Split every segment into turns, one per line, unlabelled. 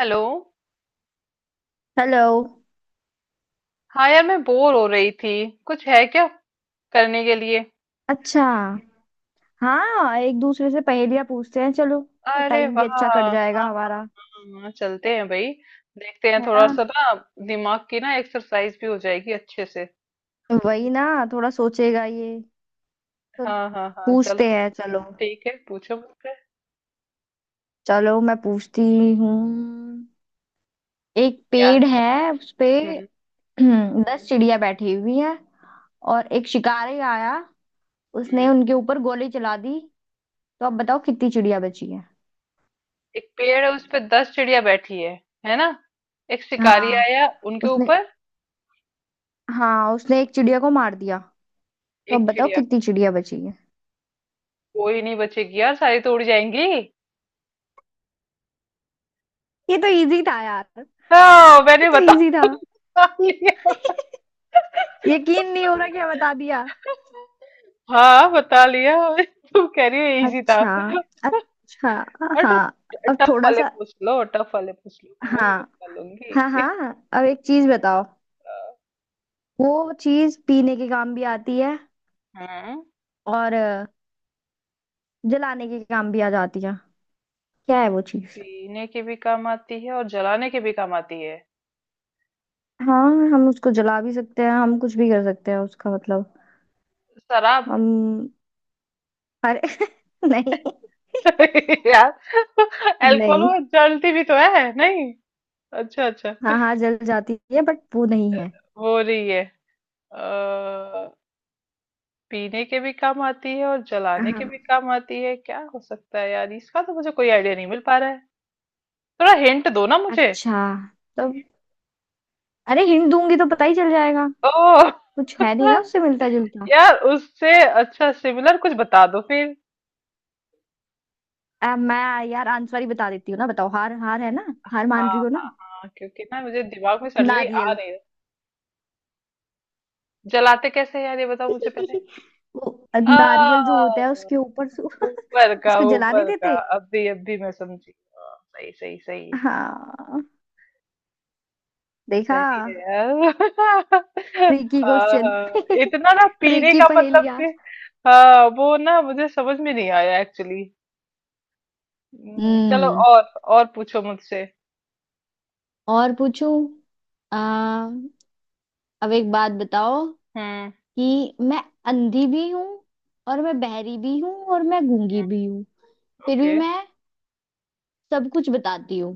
Hello.
Hello.
हाँ यार, मैं बोर हो रही थी। कुछ है क्या करने के लिए?
अच्छा। हाँ, एक दूसरे से पहेलियां पूछते हैं, चलो।
अरे
टाइम
वाह,
भी अच्छा कट
हाँ
जाएगा
हाँ हाँ।
हमारा।
हाँ, चलते हैं भाई। देखते हैं
है ना?
थोड़ा सा ना। दिमाग की ना एक्सरसाइज भी हो जाएगी अच्छे से।
वही ना। थोड़ा सोचेगा ये तो।
हाँ हाँ हाँ, चलो।
पूछते हैं, चलो।
ठीक है, पूछो मुझसे।
चलो, मैं पूछती हूँ। एक पेड़
याद करो।
है, उस पे
हम्म।
10 चिड़िया बैठी हुई हैं, और एक शिकारी आया,
हम्म।
उसने उनके ऊपर गोली चला दी। तो अब बताओ, कितनी चिड़िया बची है?
एक पेड़ है उस पे 10 चिड़िया बैठी है ना? एक शिकारी
हाँ,
आया उनके
उसने।
ऊपर।
हाँ, उसने एक चिड़िया को मार दिया। तो अब
एक
बताओ,
चिड़िया।
कितनी चिड़िया बची है?
कोई नहीं बचेगी यार, सारी तो उड़ जाएंगी।
ये तो इजी था यार।
हाँ
ये
मैंने
तो
बता
इजी था।
लिया।
यकीन नहीं हो रहा, क्या बता दिया।
हाँ बता लिया तुम कह रही हो इजी था।
अच्छा, अच्छा।
अरे तो,
हाँ, अब
टफ
थोड़ा
वाले
सा।
पूछ लो, टफ वाले पूछ लो, मैं वो भी
हाँ
बता लूंगी
हाँ हाँ हाँ, अब एक चीज बताओ। वो चीज पीने के काम भी आती है
हाँ, हम्म।
और जलाने के काम भी आ जाती है। क्या है वो चीज?
पीने के भी काम आती है और जलाने के भी काम आती है।
हाँ, हम उसको जला भी सकते हैं, हम कुछ भी कर सकते हैं उसका मतलब।
शराब।
हम। अरे नहीं।
यार, अल्कोहल
नहीं।
वो जलती भी तो है नहीं। अच्छा अच्छा।
हाँ हाँ, जल जाती है बट वो नहीं है।
हो रही है। आ, पीने के भी काम आती है और जलाने के
हाँ।
भी काम आती है। क्या हो सकता है यार? इसका तो मुझे कोई आइडिया नहीं मिल पा रहा है। थोड़ा हिंट दो ना मुझे।
अच्छा। तो। अरे, हिंट दूंगी तो पता ही चल जाएगा।
ओ। हाँ,
कुछ है नहीं ना उससे मिलता जुलता।
यार उससे। अच्छा सिमिलर कुछ बता दो फिर।
मैं यार आंसर ही बता देती हूँ ना, बताओ। हार, हार है ना। हार
हाँ
मान रही हो
हाँ
ना?
हाँ, क्योंकि ना मुझे दिमाग में सडनली आ
नारियल।
नहीं रहा। जलाते कैसे हैं यार, ये बताओ मुझे पहले।
वो
आ।
नारियल जो होता है उसके ऊपर से,
ऊपर का,
उसको जला नहीं
ऊपर का।
देते।
अभी अभी मैं समझी। हाँ, सही सही सही।
हाँ। देखा।
सही है यार
ट्रिकी
हाँ
क्वेश्चन।
हाँ, इतना ना, पीने
ट्रिकी
का मतलब कि
पहेलियाँ।
हाँ वो ना मुझे समझ में नहीं आया एक्चुअली। चलो,
हम्म।
और पूछो मुझसे।
और पूछूं। आ, अब एक बात बताओ,
हम्म।
कि मैं अंधी भी हूँ, और मैं बहरी भी हूँ, और मैं गूंगी
हम्म।
भी हूँ। फिर भी
ओके।
मैं सब कुछ बताती हूँ।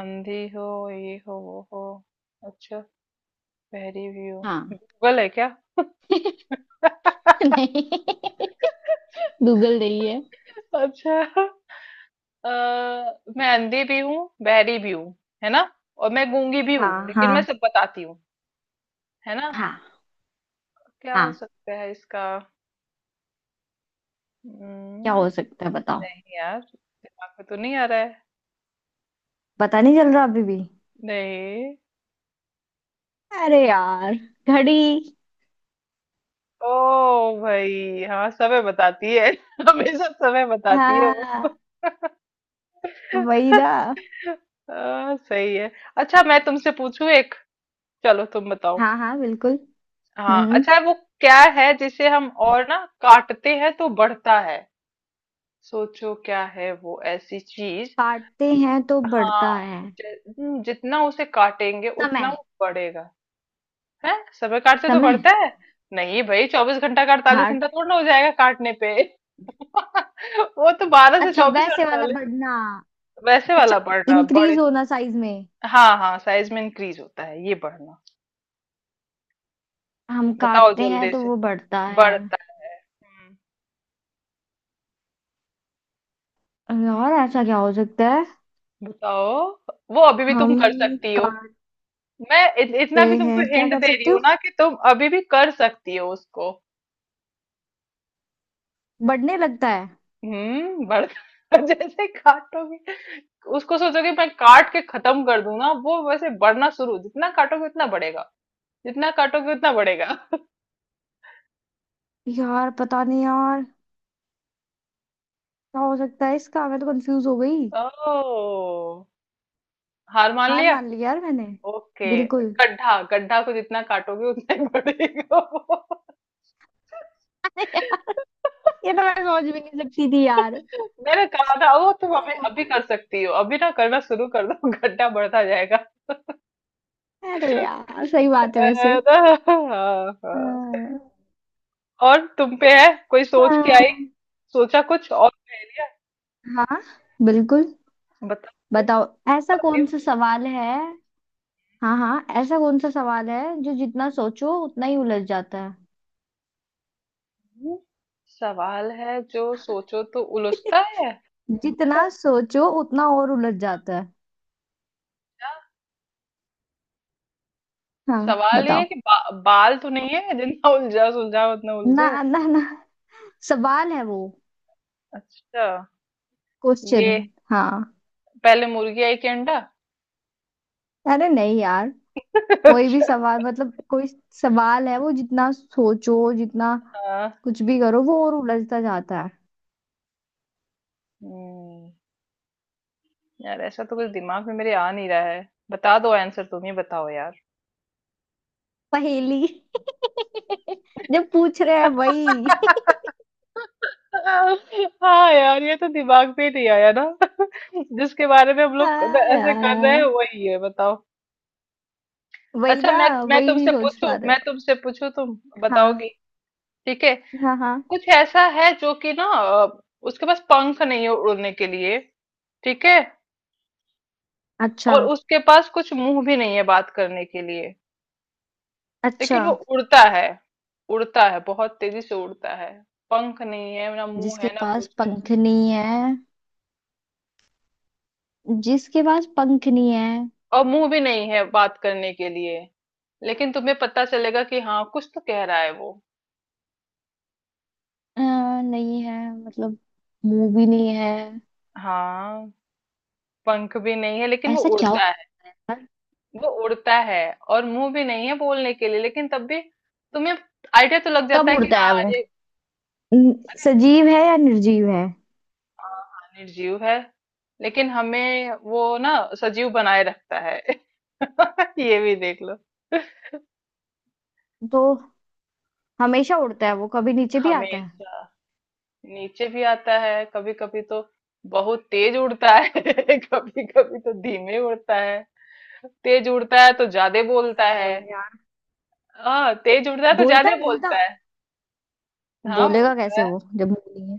अंधी हो, ये हो, वो हो। अच्छा। बहरी भी हो।
हाँ।
गूगल है क्या?
नहीं। गूगल नहीं है।
अच्छा। अ, मैं अंधी भी हूँ, बहरी भी हूँ, है ना? और मैं गूंगी भी हूँ,
हाँ
लेकिन मैं
हाँ
सब बताती हूँ, है ना?
हाँ
क्या हो
हाँ।
सकता है इसका?
क्या हो
हम्म,
सकता है, बताओ।
नहीं यार, दिमाग में तो नहीं आ रहा है।
पता नहीं चल रहा अभी भी।
नहीं।
अरे यार, घड़ी।
ओ। भाई हाँ, समय बताती है हमेशा समय बताती है वो।
हाँ। वही ना।
सही है। अच्छा, मैं तुमसे पूछूं एक। चलो तुम बताओ।
हाँ हाँ बिल्कुल।
हाँ
हम्म।
अच्छा, वो क्या है जिसे हम और ना काटते हैं तो बढ़ता है? सोचो क्या है वो ऐसी चीज।
काटते हैं तो
हाँ।
बढ़ता है।
ज- जितना उसे काटेंगे उतना
समय।
वो बढ़ेगा। है। समय काटते तो
समय।
बढ़ता है? नहीं भाई, 24 घंटा का 48
हार्ट।
घंटा थोड़ा ना हो जाएगा काटने पे। वो तो 12 से
अच्छा,
24,
वैसे वाला
48।
बढ़ना।
वैसे
अच्छा,
वाला बढ़ना, बढ़े।
इंक्रीज होना साइज में।
हाँ हाँ, साइज में इंक्रीज होता है ये बढ़ना।
हम
बताओ
काटते हैं
जल्दी
तो
से।
वो बढ़ता है।
बढ़ता है। हम्म,
और ऐसा क्या हो सकता है?
बताओ। वो अभी भी तुम
हम
कर सकती हो।
का
मैं
सकते
इतना भी
हैं?
तुमको
क्या
हिंट
कर
दे रही
सकते
हूँ
हो?
ना कि तुम अभी भी कर सकती हो उसको।
बढ़ने लगता है।
बढ़ जैसे काटोगे उसको, सोचोगे मैं काट के खत्म कर दूं ना, वो वैसे बढ़ना शुरू, जितना काटोगे उतना बढ़ेगा। जितना काटोगे उतना बढ़ेगा।
यार पता नहीं यार, क्या हो सकता है इसका, मैं तो कंफ्यूज हो गई।
ओ। हार मान
हार
लिया।
मान ली यार मैंने।
ओके।
बिल्कुल।
गड्ढा। गड्ढा को जितना काटोगे उतना ही बढ़ेगा वो।
ये तो मैं सोच भी नहीं सकती थी यार।
मैंने कहा था वो तुम
अरे
अभी अभी कर
यार।
सकती हो, अभी ना करना शुरू कर दो गड्ढा बढ़ता जाएगा।
अरे यार, सही बात है वैसे।
अरे, हाँ, हाँ।
हाँ
और तुम पे है कोई, सोच के आई?
हाँ
सोचा कुछ और पहेलियां?
हाँ, बिल्कुल।
बताओ फिर।
बताओ। ऐसा
बताती
कौन सा सवाल है? हाँ हाँ, ऐसा कौन सा सवाल है जो जितना सोचो उतना ही उलझ जाता है?
हूँ। सवाल है जो सोचो तो उलझता है।
जितना सोचो उतना और उलझ जाता है।
क्या?
हाँ।
सवाल ये है
बताओ।
कि बाल तो नहीं है, जितना उलझा सुलझा उतना
ना
उलझे?
ना ना, सवाल है वो।
अच्छा,
क्वेश्चन।
ये
हाँ।
पहले मुर्गी आई कि अंडा?
अरे नहीं यार। कोई भी
अच्छा।
सवाल, मतलब कोई सवाल है वो, जितना सोचो, जितना
हाँ।
कुछ भी करो, वो और उलझता जाता है।
हम्म, यार ऐसा तो कुछ दिमाग में मेरे आ नहीं रहा है, बता दो आंसर, तुम ही बताओ यार।
पहेली। जब पूछ रहे हैं वही।
हाँ यार, ये तो दिमाग में नहीं आया ना। जिसके बारे में हम लोग
हाँ
ऐसे कर रहे हैं
यार,
वही है, बताओ।
वही
अच्छा,
ना।
मैं मैं
वही नहीं
तुमसे
सोच
पूछूं
पा रहे
मैं
हो।
तुमसे पूछूं तुम
हाँ
बताओगी? ठीक है।
हाँ हाँ।
कुछ ऐसा है जो कि ना, उसके पास पंख नहीं है उड़ने के लिए, ठीक है?
अच्छा।
और उसके पास कुछ मुंह भी नहीं है बात करने के लिए,
अच्छा।
लेकिन वो उड़ता है। उड़ता है, बहुत तेजी से उड़ता है। पंख नहीं है, ना मुंह
जिसके
है, ना
पास
कुछ है।
पंख नहीं है। जिसके पास पंख नहीं है।
और मुंह भी नहीं है बात करने के लिए, लेकिन तुम्हें पता चलेगा कि हाँ कुछ तो कह रहा है वो।
अ, नहीं है मतलब, मुंह भी नहीं है।
हाँ, पंख भी नहीं है लेकिन वो
ऐसा क्या
उड़ता
होता?
है। वो उड़ता है, और मुंह भी नहीं है बोलने के लिए, लेकिन तब भी तुम्हें आइडिया तो लग
कब
जाता है कि
उड़ता
हाँ
है वो?
ये।
सजीव है या निर्जीव है?
हाँ हाँ, निर्जीव है, लेकिन हमें वो ना सजीव बनाए रखता है। ये भी देख लो।
तो हमेशा उड़ता है वो, कभी नीचे भी आता है?
हमेशा। नीचे भी आता है कभी कभी तो, बहुत तेज उड़ता है कभी कभी तो धीमे उड़ता है। तेज उड़ता है तो ज्यादा बोलता
सही
है।
है यार।
हाँ तेज उड़ता है तो
बोलता
ज्यादा
है,
बोलता
बोलता।
है। हाँ
बोलेगा
बोलता
कैसे
है।
वो जब मुंह नहीं है?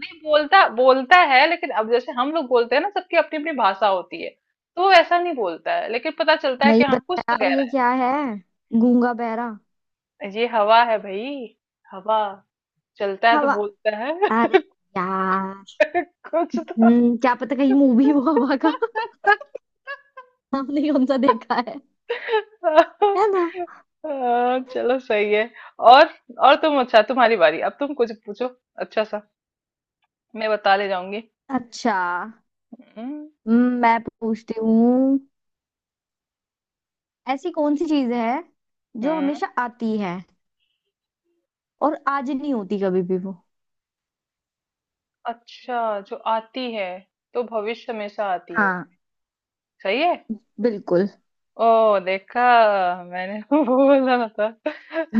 नहीं, बोलता बोलता है लेकिन अब जैसे हम लोग बोलते हैं ना, सबकी अपनी अपनी भाषा होती है, तो वो ऐसा नहीं बोलता है लेकिन पता चलता है कि
नहीं
हाँ
पता
कुछ तो
यार,
गहरा
ये क्या है। गूंगा बहरा।
है, ये हवा है भाई। हवा। चलता है तो
हवा।
बोलता है।
अरे यार।
कुछ तो।
हम्म, क्या पता कहीं मूवी हो हवा का। हमने कौन सा देखा है। है ना।
हाँ, चलो सही है। और और तुम अच्छा, तुम्हारी बारी, अब तुम कुछ पूछो अच्छा सा। मैं बता ले जाऊंगी।
अच्छा।
हम्म।
मैं पूछती हूँ। ऐसी कौन सी चीज है जो
हम्म,
हमेशा आती है, और आज नहीं होती कभी भी वो?
अच्छा, जो आती है तो भविष्य हमेशा आती है।
हाँ,
सही है।
बिल्कुल।
ओ देखा, मैंने वो बोला था।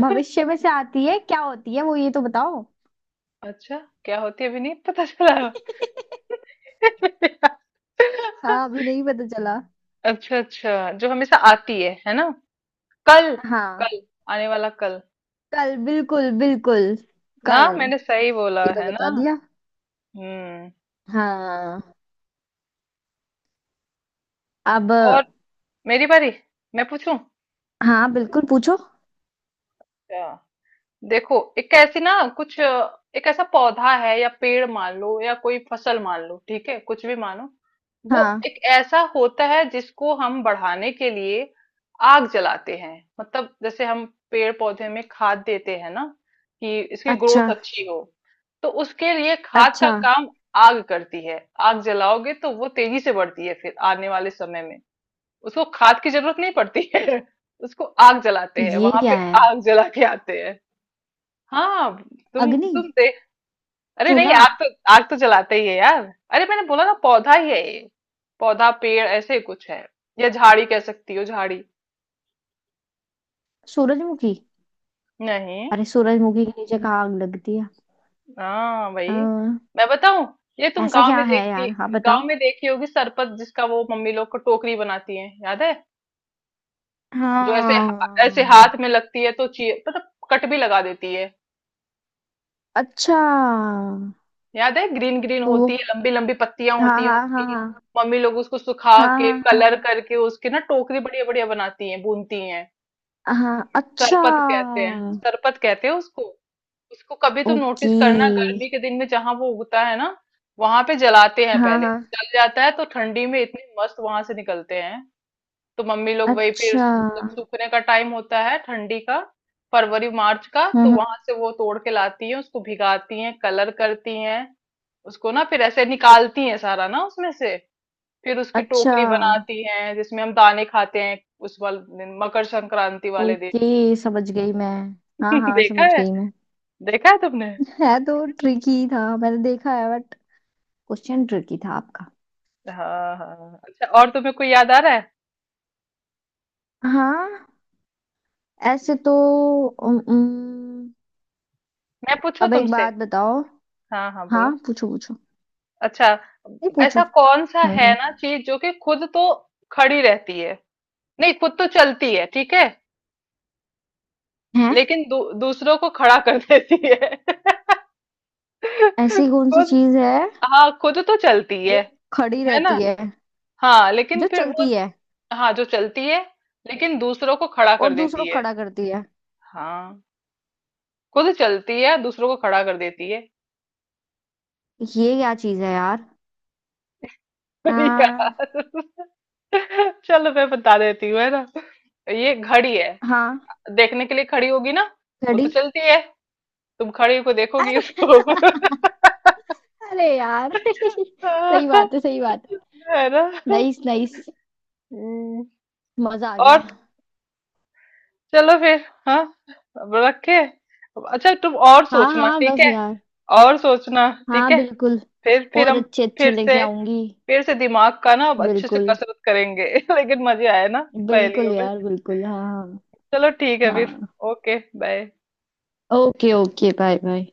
भविष्य में से आती है, क्या होती है वो, ये तो बताओ।
अच्छा क्या होती है, अभी नहीं पता चला।
हाँ, अभी नहीं पता चला।
अच्छा अच्छा, जो हमेशा आती है ना? कल।
हाँ,
कल। आने वाला कल।
कल। बिल्कुल बिल्कुल,
ना,
कल।
मैंने सही बोला
ये तो
है
बता
ना।
दिया।
हम्म।
हाँ। अब।
और, मेरी बारी, मैं पूछूं।
हाँ, बिल्कुल पूछो।
देखो एक ऐसी ना कुछ, एक ऐसा पौधा है या पेड़ मान लो, या कोई फसल मान लो, ठीक है? कुछ भी मानो। वो
हाँ।
एक ऐसा होता है जिसको हम बढ़ाने के लिए आग जलाते हैं। मतलब जैसे हम पेड़ पौधे में खाद देते हैं ना कि इसकी
अच्छा।
ग्रोथ अच्छी हो, तो उसके लिए खाद का
अच्छा।
काम आग करती है। आग जलाओगे तो वो तेजी से बढ़ती है, फिर आने वाले समय में उसको खाद की जरूरत नहीं पड़ती है। उसको आग जलाते हैं
ये
वहां पे।
क्या है?
आग जला के आते हैं। हाँ। तुम
अग्नि।
तुम दे। अरे नहीं,
चूल्हा।
आग तो जलाते ही है यार। अरे मैंने बोला ना पौधा ही है ये। पौधा, पेड़ ऐसे ही कुछ है, या झाड़ी, कह सकती हो झाड़ी।
सूरजमुखी।
नहीं।
अरे, सूरजमुखी के नीचे कहाँ आग लगती है?
हाँ भाई,
अ,
मैं बताऊं? ये तुम
ऐसा
गांव
क्या
में
है
देखी,
यार, हाँ बताओ।
गांव में देखी होगी सरपत, जिसका वो मम्मी लोग को टोकरी बनाती है, याद है? जो ऐसे, ऐसे
हाँ
हाथ में लगती है तो ची मतलब कट भी लगा देती है।
अच्छा।
याद है, ग्रीन ग्रीन
तो
होती
वो।
है, लंबी लंबी पत्तियां होती
हाँ
हैं
हाँ हाँ
उसकी।
हाँ।
मम्मी लोग उसको सुखा
हाँ
के,
हाँ
कलर
हाँ
करके उसके ना टोकरी बढ़िया बढ़िया बनाती हैं, बुनती हैं।
हाँ। अच्छा।
सरपत कहते हैं, सरपत कहते हैं उसको। उसको कभी तुम
ओके।
नोटिस करना, गर्मी के दिन में जहां वो उगता है ना, वहां पे जलाते हैं
हाँ
पहले।
हाँ।
जल जाता है तो ठंडी में इतने मस्त वहां से निकलते हैं। तो मम्मी लोग वही फिर,
अच्छा।
जब
हम्म।
सूखने का टाइम होता है ठंडी का, फरवरी मार्च का, तो
हम्म,
वहां से वो तोड़ के लाती हैं, उसको भिगाती हैं, कलर करती हैं, उसको ना फिर ऐसे निकालती हैं सारा ना उसमें से, फिर उसकी
अच्छा।
टोकरी बनाती हैं जिसमें हम दाने खाते हैं, उस वाले दिन, मकर संक्रांति वाले दिन।
ओके, समझ गई मैं। हाँ हाँ,
देखा
समझ
है?
गई मैं।
देखा है तुमने?
है तो ट्रिकी था, मैंने देखा है बट। क्वेश्चन ट्रिकी था आपका।
हाँ हाँ हाँ। अच्छा, और तुम्हें कोई याद आ रहा है?
हाँ। ऐसे तो। उम, उम,
मैं पूछूं
अब एक
तुमसे?
बात बताओ।
हाँ हाँ
हाँ
बोलो।
पूछो पूछो।
अच्छा,
नहीं पूछो।
ऐसा कौन सा
हम्म।
है
हम्म।
ना चीज जो कि खुद तो खड़ी रहती है, नहीं, खुद तो चलती है, ठीक है?
है।
लेकिन दूसरों को खड़ा कर देती है।
ऐसी कौन सी
खुद।
चीज है
हाँ खुद तो चलती
जो
है
खड़ी
है ना?
रहती है,
हाँ लेकिन
जो
फिर
चलती
वो,
है
हाँ जो चलती है, लेकिन दूसरों को खड़ा
और
कर
दूसरों
देती
को
है।
खड़ा करती है?
हाँ, खुद चलती है, दूसरों को खड़ा कर देती है।
ये क्या चीज है यार? आ,
यार चलो मैं बता देती हूँ, है ना? ये घड़ी है।
हाँ,
देखने के लिए खड़ी होगी ना, वो
घड़ी।
तो चलती है, तुम खड़ी को देखोगी
अरे।
उसको।
अरे यार, सही बात है, सही बात है।
है ना?
Nice, nice.
हम्म।
मजा आ गया।
और चलो फिर, हाँ, अब रखे। अच्छा, तुम और
हाँ
सोचना
हाँ
ठीक
बस
है,
यार।
और सोचना ठीक
हाँ
है,
बिल्कुल।
फिर
और
हम
अच्छे अच्छे
फिर से,
लेके आऊंगी।
फिर से दिमाग का ना अब अच्छे से
बिल्कुल
कसरत करेंगे। लेकिन मजे आए ना,
बिल्कुल
पहेलियों में।
यार, बिल्कुल। हाँ
चलो ठीक है
हाँ
फिर।
हाँ।
Okay bye.
Okay. Okay, bye bye.